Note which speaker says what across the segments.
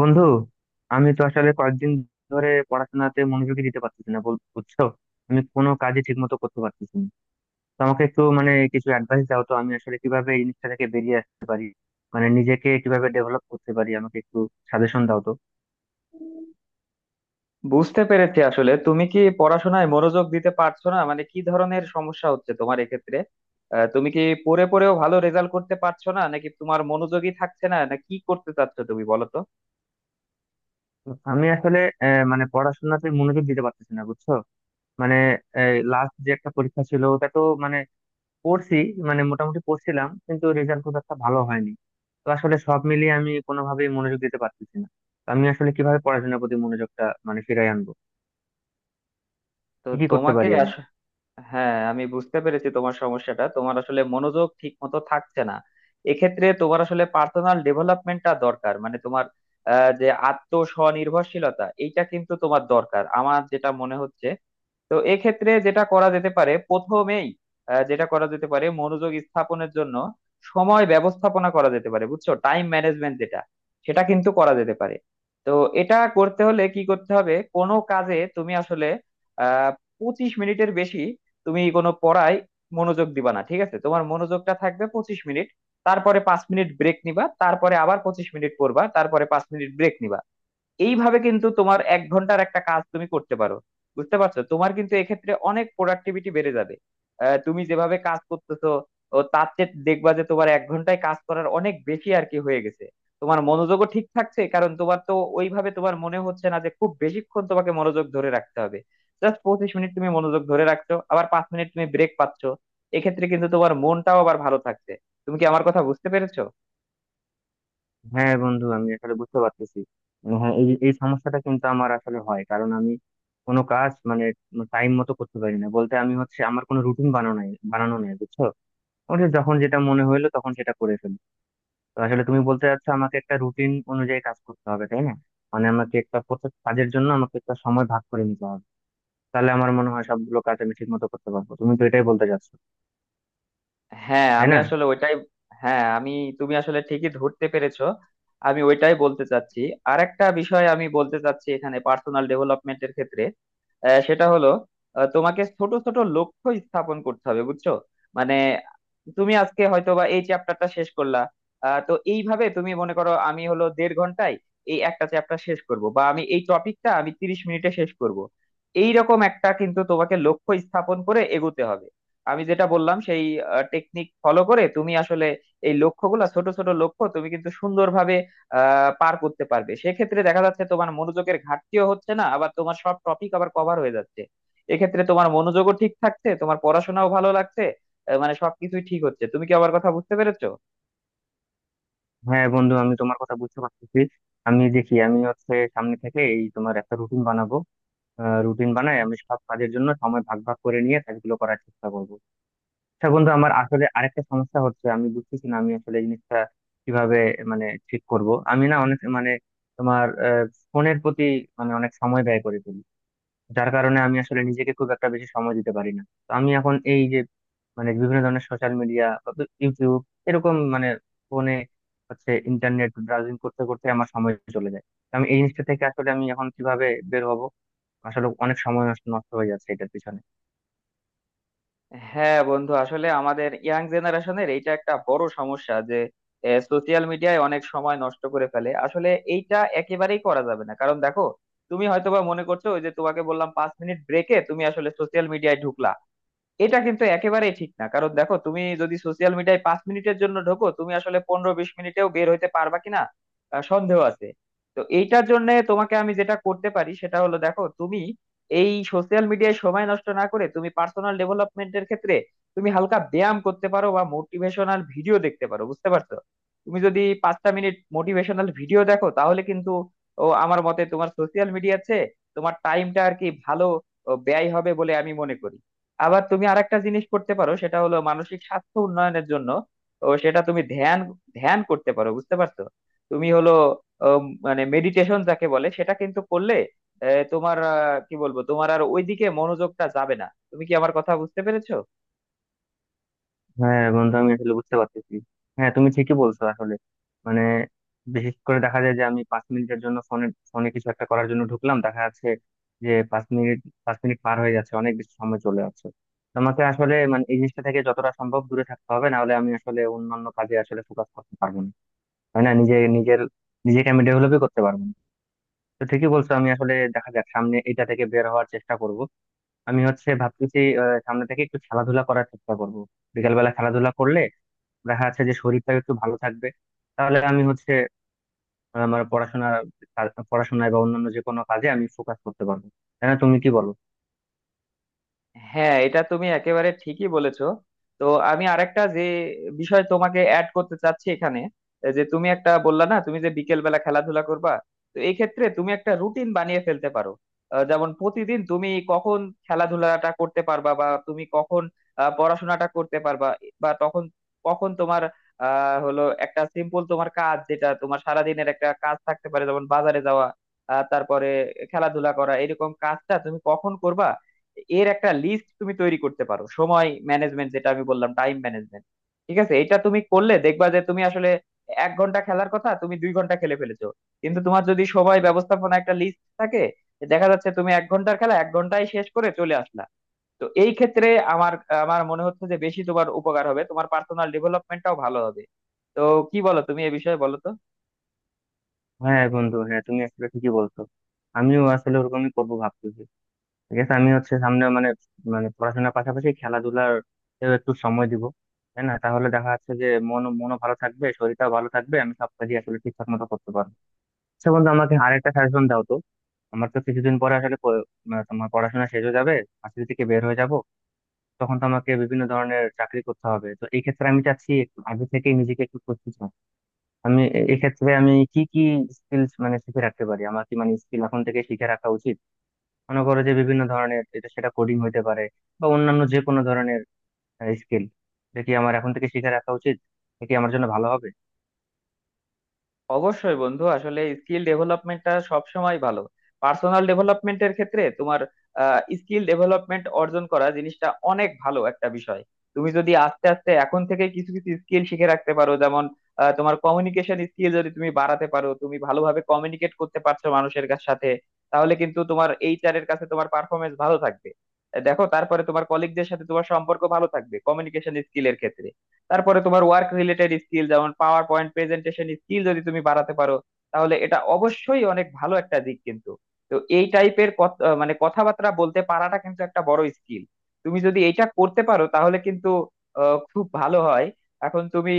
Speaker 1: বন্ধু, আমি তো আসলে কয়েকদিন ধরে পড়াশোনাতে মনোযোগী দিতে পারতেছি না, বুঝছো? আমি কোনো কাজে ঠিক মতো করতে পারতেছি না। তো আমাকে একটু কিছু অ্যাডভাইস দাও তো, আমি আসলে কিভাবে এই জিনিসটা থেকে বেরিয়ে আসতে পারি, নিজেকে কিভাবে ডেভেলপ করতে পারি, আমাকে একটু সাজেশন দাও তো।
Speaker 2: বুঝতে পেরেছি। আসলে তুমি কি পড়াশোনায় মনোযোগ দিতে পারছো না? মানে কি ধরনের সমস্যা হচ্ছে তোমার এক্ষেত্রে? তুমি কি পড়ে পড়েও ভালো রেজাল্ট করতে পারছো না, নাকি তোমার মনোযোগই থাকছে না? না কি করতে চাচ্ছ তুমি, বলো তো।
Speaker 1: আমি আসলে আহ, মানে পড়াশোনাতে মনোযোগ দিতে পারতেছি না, বুঝছো। মানে লাস্ট যে একটা পরীক্ষা ছিল, ওটা তো পড়ছি, মোটামুটি পড়ছিলাম, কিন্তু রেজাল্ট খুব একটা ভালো হয়নি। তো আসলে সব মিলিয়ে আমি কোনোভাবেই মনোযোগ দিতে পারতেছি না। তো আমি আসলে কিভাবে পড়াশোনার প্রতি মনোযোগটা ফিরাই আনবো,
Speaker 2: তো
Speaker 1: কি কি করতে
Speaker 2: তোমাকে
Speaker 1: পারি আমি?
Speaker 2: আস- হ্যাঁ, আমি বুঝতে পেরেছি তোমার সমস্যাটা। তোমার আসলে মনোযোগ ঠিক মতো থাকছে না। এক্ষেত্রে তোমার আসলে পার্সোনাল ডেভেলপমেন্টটা দরকার, মানে তোমার যে আত্ম স্বনির্ভরশীলতা, এইটা কিন্তু তোমার দরকার, আমার যেটা মনে হচ্ছে। তো এক্ষেত্রে যেটা করা যেতে পারে প্রথমেই, যেটা করা যেতে পারে মনোযোগ স্থাপনের জন্য, সময় ব্যবস্থাপনা করা যেতে পারে, বুঝছো? টাইম ম্যানেজমেন্ট যেটা, সেটা কিন্তু করা যেতে পারে। তো এটা করতে হলে কি করতে হবে, কোনো কাজে তুমি আসলে আহ 25 মিনিটের বেশি তুমি কোনো পড়ায় মনোযোগ দিবা না। ঠিক আছে? তোমার মনোযোগটা থাকবে 25 মিনিট। তারপরে পাঁচ মিনিট ব্রেক নিবা, তারপরে আবার 25 মিনিট পড়বা, তারপরে 5 মিনিট ব্রেক নিবা। এইভাবে কিন্তু তোমার 1 ঘন্টার একটা কাজ তুমি করতে পারো। বুঝতে পারছো? তোমার কিন্তু এক্ষেত্রে অনেক প্রোডাক্টিভিটি বেড়ে যাবে। তুমি যেভাবে কাজ করতেছো তার চেয়ে দেখবা যে তোমার 1 ঘন্টায় কাজ করার অনেক বেশি আর কি হয়ে গেছে। তোমার মনোযোগও ঠিক থাকছে, কারণ তোমার তো ওইভাবে তোমার মনে হচ্ছে না যে খুব বেশিক্ষণ তোমাকে মনোযোগ ধরে রাখতে হবে। জাস্ট 25 মিনিট তুমি মনোযোগ ধরে রাখছো, আবার 5 মিনিট তুমি ব্রেক পাচ্ছ। এক্ষেত্রে কিন্তু তোমার মনটাও আবার ভালো থাকছে। তুমি কি আমার কথা বুঝতে পেরেছো?
Speaker 1: হ্যাঁ বন্ধু, আমি আসলে বুঝতে পারতেছি। হ্যাঁ, এই এই সমস্যাটা কিন্তু আমার আসলে হয়, কারণ আমি কোনো কাজ টাইম মতো করতে পারি না। বলতে আমি হচ্ছে আমার কোনো রুটিন বানানো নাই, বানানো নাই, বুঝছো। আমার যখন যেটা মনে হইলো তখন সেটা করে ফেলি। তো আসলে তুমি বলতে চাচ্ছ আমাকে একটা রুটিন অনুযায়ী কাজ করতে হবে, তাই না? আমাকে একটা প্রত্যেক কাজের জন্য আমাকে একটা সময় ভাগ করে নিতে হবে, তাহলে আমার মনে হয় সবগুলো কাজ আমি ঠিক মতো করতে পারবো। তুমি তো এটাই বলতে চাচ্ছ,
Speaker 2: হ্যাঁ,
Speaker 1: তাই
Speaker 2: আমি
Speaker 1: না?
Speaker 2: আসলে ওইটাই। হ্যাঁ। তুমি আসলে ঠিকই ধরতে পেরেছো। আমি ওইটাই বলতে চাচ্ছি। আর একটা বিষয় আমি বলতে চাচ্ছি এখানে, পার্সোনাল ডেভেলপমেন্টের ক্ষেত্রে। সেটা হলো, তোমাকে ছোট ছোট লক্ষ্য স্থাপন করতে হবে, বুঝছো? মানে, তুমি আজকে হয়তো বা এই চ্যাপ্টারটা শেষ করলা। তো এইভাবে তুমি মনে করো, আমি হলো 1.5 ঘন্টায় এই একটা চ্যাপ্টার শেষ করব, বা আমি এই টপিকটা আমি 30 মিনিটে শেষ করব। এইরকম একটা কিন্তু তোমাকে লক্ষ্য স্থাপন করে এগোতে হবে। আমি যেটা বললাম সেই টেকনিক ফলো করে তুমি আসলে এই লক্ষ্যগুলো, ছোট ছোট লক্ষ্য, তুমি কিন্তু সুন্দরভাবে পার করতে পারবে। সেক্ষেত্রে দেখা যাচ্ছে তোমার মনোযোগের ঘাটতিও হচ্ছে না, আবার তোমার সব টপিক আবার কভার হয়ে যাচ্ছে। এক্ষেত্রে তোমার মনোযোগও ঠিক থাকছে, তোমার পড়াশোনাও ভালো লাগছে। মানে সবকিছুই ঠিক হচ্ছে। তুমি কি আমার কথা বুঝতে পেরেছো?
Speaker 1: হ্যাঁ বন্ধু, আমি তোমার কথা বুঝতে পারতেছি। আমি দেখি আমি হচ্ছে সামনে থেকে এই তোমার একটা রুটিন বানাবো, রুটিন বানাই, আমি সব কাজের জন্য সময় ভাগ ভাগ করে নিয়ে কাজগুলো করার চেষ্টা করবো। আচ্ছা বন্ধু, আমার আসলে আরেকটা সমস্যা হচ্ছে, আমি বুঝতেছি না আমি আসলে এই জিনিসটা কিভাবে ঠিক করব। আমি না অনেক তোমার ফোনের প্রতি অনেক সময় ব্যয় করে ফেলি, যার কারণে আমি আসলে নিজেকে খুব একটা বেশি সময় দিতে পারি না। তো আমি এখন এই যে বিভিন্ন ধরনের সোশ্যাল মিডিয়া, ইউটিউব, এরকম ফোনে হচ্ছে ইন্টারনেট ব্রাউজিং করতে করতে আমার সময় চলে যায়। তো আমি এই জিনিসটা থেকে আসলে আমি এখন কিভাবে বের হব? আসলে অনেক সময় নষ্ট নষ্ট হয়ে যাচ্ছে এটার পিছনে।
Speaker 2: হ্যাঁ বন্ধু, আসলে আমাদের ইয়াং জেনারেশনের এইটা একটা বড় সমস্যা যে সোশিয়াল মিডিয়ায় অনেক সময় নষ্ট করে ফেলে আসলে। এইটা একেবারেই করা যাবে না, কারণ দেখো, তুমি হয়তোবা মনে করছো ওই যে তোমাকে বললাম 5 মিনিট ব্রেকে তুমি আসলে সোশিয়াল মিডিয়ায় ঢুকলা। এটা কিন্তু একেবারেই ঠিক না, কারণ দেখো, তুমি যদি সোশ্যাল মিডিয়ায় 5 মিনিটের জন্য ঢোকো, তুমি আসলে 15-20 মিনিটেও বের হইতে পারবা কিনা সন্দেহ আছে। তো এইটার জন্য তোমাকে আমি যেটা করতে পারি সেটা হলো, দেখো তুমি এই সোশ্যাল মিডিয়ায় সময় নষ্ট না করে তুমি পার্সোনাল ডেভেলপমেন্টের ক্ষেত্রে তুমি হালকা ব্যায়াম করতে পারো বা মোটিভেশনাল ভিডিও দেখতে পারো, বুঝতে পারছো? তুমি যদি 5টা মিনিট মোটিভেশনাল ভিডিও দেখো, তাহলে কিন্তু আমার মতে তোমার সোশ্যাল মিডিয়াতে তোমার টাইমটা আর কি ভালো ব্যয় হবে বলে আমি মনে করি। আবার তুমি আরেকটা জিনিস করতে পারো, সেটা হলো মানসিক স্বাস্থ্য উন্নয়নের জন্য সেটা তুমি ধ্যান ধ্যান করতে পারো, বুঝতে পারছো? তুমি হলো মানে মেডিটেশন যাকে বলে, সেটা কিন্তু করলে তোমার কি বলবো, তোমার আর ওইদিকে মনোযোগটা যাবে না। তুমি কি আমার কথা বুঝতে পেরেছো?
Speaker 1: হ্যাঁ বন্ধু, আমি আসলে বুঝতে পারতেছি। হ্যাঁ, তুমি ঠিকই বলছো আসলে। মানে বিশেষ করে দেখা যায় যে আমি 5 মিনিটের জন্য ফোনে, কিছু একটা করার জন্য ঢুকলাম, দেখা যাচ্ছে যে 5 মিনিট, পাঁচ মিনিট পার হয়ে যাচ্ছে, অনেক বেশি সময় চলে যাচ্ছে। তোমাকে আসলে এই জিনিসটা থেকে যতটা সম্ভব দূরে থাকতে হবে, না হলে আমি আসলে অন্যান্য কাজে আসলে ফোকাস করতে পারবো না, তাই না? নিজেকে আমি ডেভেলপই করতে পারবো না। তো ঠিকই বলছো, আমি আসলে দেখা যাক সামনে এটা থেকে বের হওয়ার চেষ্টা করব। আমি হচ্ছে ভাবতেছি সামনে থেকে একটু খেলাধুলা করার চেষ্টা করব। বিকালবেলা খেলাধুলা করলে দেখা যাচ্ছে যে শরীরটাও একটু ভালো থাকবে, তাহলে আমি হচ্ছে আমার পড়াশোনায় বা অন্যান্য যে কোনো কাজে আমি ফোকাস করতে পারবো, তাই না? তুমি কি বলো?
Speaker 2: হ্যাঁ, এটা তুমি একেবারে ঠিকই বলেছো। তো আমি আরেকটা যে বিষয় তোমাকে অ্যাড করতে চাচ্ছি এখানে, যে তুমি একটা বললা না তুমি যে বিকেল বেলা খেলাধুলা করবা। তো এই ক্ষেত্রে তুমি একটা রুটিন বানিয়ে ফেলতে পারো। যেমন প্রতিদিন তুমি কখন খেলাধুলাটা করতে পারবা, বা তুমি কখন পড়াশোনাটা করতে পারবা, বা তখন কখন তোমার হলো একটা সিম্পল তোমার কাজ, যেটা তোমার সারাদিনের একটা কাজ থাকতে পারে, যেমন বাজারে যাওয়া, তারপরে খেলাধুলা করা, এরকম কাজটা তুমি কখন করবা। এর একটা লিস্ট তুমি তৈরি করতে পারো, সময় ম্যানেজমেন্ট যেটা আমি বললাম, টাইম ম্যানেজমেন্ট। ঠিক আছে, এটা তুমি করলে দেখবা যে তুমি আসলে 1 ঘন্টা খেলার কথা তুমি 2 ঘন্টা খেলে ফেলেছো। কিন্তু তোমার যদি সময় ব্যবস্থাপনা একটা লিস্ট থাকে, দেখা যাচ্ছে তুমি 1 ঘন্টার খেলা 1 ঘন্টায় শেষ করে চলে আসলা। তো এই ক্ষেত্রে আমার আমার মনে হচ্ছে যে বেশি তোমার উপকার হবে, তোমার পার্সোনাল ডেভেলপমেন্টটাও ভালো হবে। তো কি বলো তুমি এ বিষয়ে, বলো তো।
Speaker 1: হ্যাঁ বন্ধু, হ্যাঁ তুমি আসলে ঠিকই বলছো, আমিও আসলে ওরকমই করবো ভাবতেছি। ঠিক আছে, আমি হচ্ছে সামনে মানে মানে পড়াশোনার পাশাপাশি খেলাধুলার একটু সময় দিব, তাই না? তাহলে দেখা যাচ্ছে যে মনও ভালো থাকবে, শরীরটাও ভালো থাকবে, আমি সব কাজই আসলে ঠিকঠাক মতো করতে পারবো। আচ্ছা বন্ধু, আমাকে আরেকটা সাজেশন দাও তো। আমার তো কিছুদিন পরে আসলে প- মানে তোমার পড়াশোনা শেষ হয়ে যাবে, ভার্সিটি থেকে বের হয়ে যাব, তখন তো আমাকে বিভিন্ন ধরনের চাকরি করতে হবে। তো এই ক্ষেত্রে আমি চাচ্ছি একটু আগে থেকে নিজেকে একটু প্রস্তুত হওয়া। এক্ষেত্রে আমি কি কি স্কিলস শিখে রাখতে পারি, আমার কি স্কিল এখন থেকে শিখে রাখা উচিত? মনে করো যে বিভিন্ন ধরনের এটা সেটা, কোডিং হতে পারে বা অন্যান্য যে কোনো ধরনের স্কিল, এটা কি আমার এখন থেকে শিখে রাখা উচিত? এটা কি আমার জন্য ভালো হবে?
Speaker 2: অবশ্যই বন্ধু, আসলে স্কিল ডেভেলপমেন্টটা সব সময় ভালো। পার্সোনাল ডেভেলপমেন্টের ক্ষেত্রে তোমার স্কিল ডেভেলপমেন্ট অর্জন করা জিনিসটা অনেক ভালো একটা বিষয়। তুমি যদি আস্তে আস্তে এখন থেকে কিছু কিছু স্কিল শিখে রাখতে পারো, যেমন তোমার কমিউনিকেশন স্কিল যদি তুমি বাড়াতে পারো, তুমি ভালোভাবে কমিউনিকেট করতে পারছো মানুষের সাথে। তাহলে কিন্তু তোমার এইচআর এর কাছে তোমার পারফরমেন্স ভালো থাকবে। দেখো, তারপরে তোমার কলিগদের সাথে তোমার সম্পর্ক ভালো থাকবে কমিউনিকেশন স্কিলের ক্ষেত্রে। তারপরে তোমার ওয়ার্ক রিলেটেড স্কিল, যেমন পাওয়ার পয়েন্ট প্রেজেন্টেশন স্কিল যদি তুমি বাড়াতে পারো, তাহলে এটা অবশ্যই অনেক ভালো একটা দিক কিন্তু। তো এই টাইপের মানে কথাবার্তা বলতে পারাটা কিন্তু একটা বড় স্কিল। তুমি যদি এটা করতে পারো তাহলে কিন্তু খুব ভালো হয়। এখন তুমি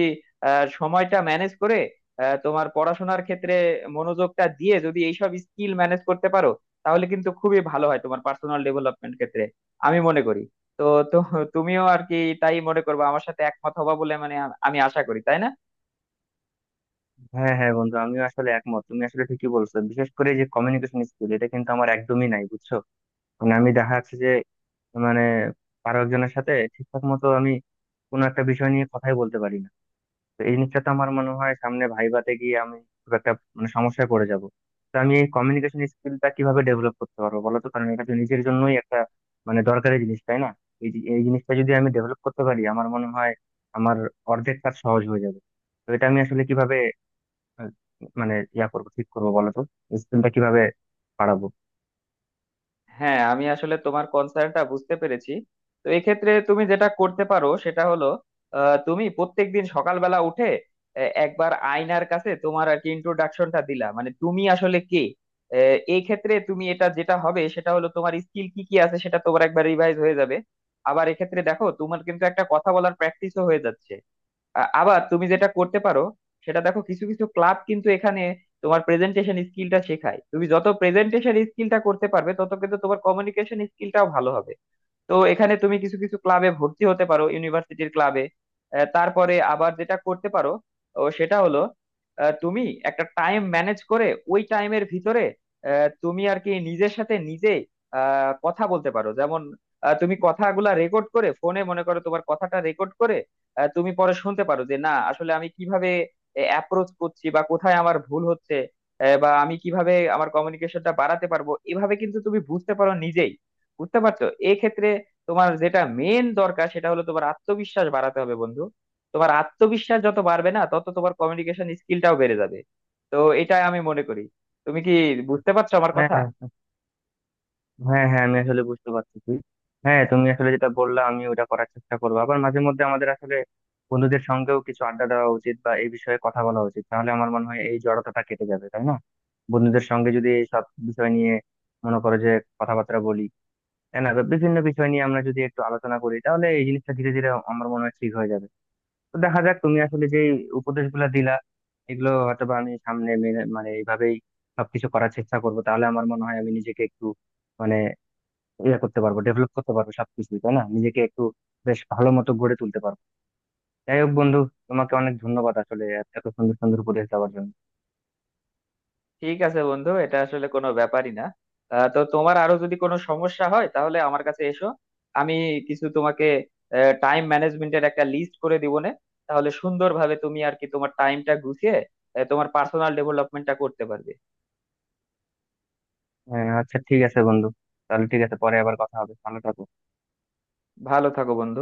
Speaker 2: সময়টা ম্যানেজ করে, তোমার পড়াশোনার ক্ষেত্রে মনোযোগটা দিয়ে যদি এইসব স্কিল ম্যানেজ করতে পারো, তাহলে কিন্তু খুবই ভালো হয় তোমার পার্সোনাল ডেভেলপমেন্ট ক্ষেত্রে, আমি মনে করি। তো তো তুমিও আর কি তাই মনে করবো, আমার সাথে একমত হবা বলে, মানে আমি আশা করি, তাই না?
Speaker 1: হ্যাঁ হ্যাঁ বন্ধু, আমিও আসলে একমত, তুমি আসলে ঠিকই বলছো। বিশেষ করে যে কমিউনিকেশন স্কিল, এটা কিন্তু আমার একদমই নাই, বুঝছো। আমি দেখা যাচ্ছে যে মানে আরো একজনের সাথে ঠিকঠাক মতো আমি কোনো একটা বিষয় নিয়ে কথাই বলতে পারি না। তো এই জিনিসটা তো আমার মনে হয় সামনে ভাইভাতে গিয়ে আমি খুব একটা সমস্যায় পড়ে যাব। তো আমি এই কমিউনিকেশন স্কিলটা কিভাবে ডেভেলপ করতে পারবো, বলো তো? কারণ এটা তো নিজের জন্যই একটা দরকারি জিনিস, তাই না? এই জিনিসটা যদি আমি ডেভেলপ করতে পারি, আমার মনে হয় আমার অর্ধেক কাজ সহজ হয়ে যাবে। তো এটা আমি আসলে কিভাবে আহ, মানে ইয়া করবো, ঠিক করবো, বলো তো? স্কিলটা কিভাবে বাড়াবো?
Speaker 2: হ্যাঁ, আমি আসলে তোমার কনসার্নটা বুঝতে পেরেছি। তো এক্ষেত্রে তুমি যেটা করতে পারো সেটা হলো, তুমি প্রত্যেকদিন সকালবেলা উঠে একবার আয়নার কাছে তোমার আর কি ইন্ট্রোডাকশনটা দিলা, মানে তুমি আসলে কে। এই ক্ষেত্রে তুমি এটা যেটা হবে সেটা হলো, তোমার স্কিল কি কি আছে সেটা তোমার একবার রিভাইজ হয়ে যাবে। আবার এক্ষেত্রে দেখো, তোমার কিন্তু একটা কথা বলার প্র্যাকটিসও হয়ে যাচ্ছে। আবার তুমি যেটা করতে পারো, সেটা দেখো কিছু কিছু ক্লাব কিন্তু এখানে তোমার প্রেজেন্টেশন স্কিলটা শেখায়। তুমি যত প্রেজেন্টেশন স্কিলটা করতে পারবে তত কিন্তু তোমার কমিউনিকেশন স্কিলটাও ভালো হবে। তো এখানে তুমি কিছু কিছু ক্লাবে ভর্তি হতে পারো, ইউনিভার্সিটির ক্লাবে। তারপরে আবার যেটা করতে পারো সেটা হলো, তুমি একটা টাইম ম্যানেজ করে ওই টাইমের ভিতরে তুমি আর কি নিজের সাথে নিজে কথা বলতে পারো, যেমন তুমি কথাগুলা রেকর্ড করে ফোনে, মনে করো তোমার কথাটা রেকর্ড করে তুমি পরে শুনতে পারো যে না আসলে আমি কিভাবে অ্যাপ্রোচ করছি, বা কোথায় আমার ভুল হচ্ছে, বা আমি কিভাবে আমার কমিউনিকেশনটা বাড়াতে পারবো। এভাবে কিন্তু তুমি বুঝতে পারো নিজেই, বুঝতে পারছো? এক্ষেত্রে তোমার যেটা মেন দরকার সেটা হলো, তোমার আত্মবিশ্বাস বাড়াতে হবে বন্ধু। তোমার আত্মবিশ্বাস যত বাড়বে না তত তোমার কমিউনিকেশন স্কিলটাও বেড়ে যাবে। তো এটা আমি মনে করি। তুমি কি বুঝতে পারছো আমার
Speaker 1: হ্যাঁ
Speaker 2: কথা?
Speaker 1: হ্যাঁ হ্যাঁ আমি আসলে বুঝতে পারতেছি। হ্যাঁ তুমি আসলে যেটা বললা আমি ওটা করার চেষ্টা করবো। আবার মাঝে মধ্যে আমাদের আসলে বন্ধুদের সঙ্গেও কিছু আড্ডা দেওয়া উচিত বা এই বিষয়ে কথা বলা উচিত, তাহলে আমার মনে হয় এই জড়তাটা কেটে যাবে, তাই না? বন্ধুদের সঙ্গে যদি এই সব বিষয় নিয়ে মনে করো যে কথাবার্তা বলি, তাই না? বা বিভিন্ন বিষয় নিয়ে আমরা যদি একটু আলোচনা করি, তাহলে এই জিনিসটা ধীরে ধীরে আমার মনে হয় ঠিক হয়ে যাবে। তো দেখা যাক, তুমি আসলে যে উপদেশগুলো দিলা, এগুলো হয়তো বা আমি সামনে মেনে মানে এইভাবেই সবকিছু করার চেষ্টা করবো, তাহলে আমার মনে হয় আমি নিজেকে একটু মানে ইয়ে করতে পারবো, ডেভেলপ করতে পারবো সবকিছুই, তাই না? নিজেকে একটু বেশ ভালো মতো গড়ে তুলতে পারবো। যাই হোক বন্ধু, তোমাকে অনেক ধন্যবাদ আসলে এত সুন্দর সুন্দর উপদেশ দেওয়ার জন্য।
Speaker 2: ঠিক আছে বন্ধু, এটা আসলে কোনো ব্যাপারই না। তো তোমার আরো যদি কোনো সমস্যা হয় তাহলে আমার কাছে এসো, আমি কিছু তোমাকে টাইম ম্যানেজমেন্টের একটা লিস্ট করে দিব না। তাহলে সুন্দরভাবে তুমি আর কি তোমার টাইমটা গুছিয়ে তোমার পার্সোনাল ডেভেলপমেন্টটা করতে পারবে।
Speaker 1: আচ্ছা ঠিক আছে বন্ধু, তাহলে ঠিক আছে, পরে আবার কথা হবে, ভালো থাকো।
Speaker 2: ভালো থাকো বন্ধু।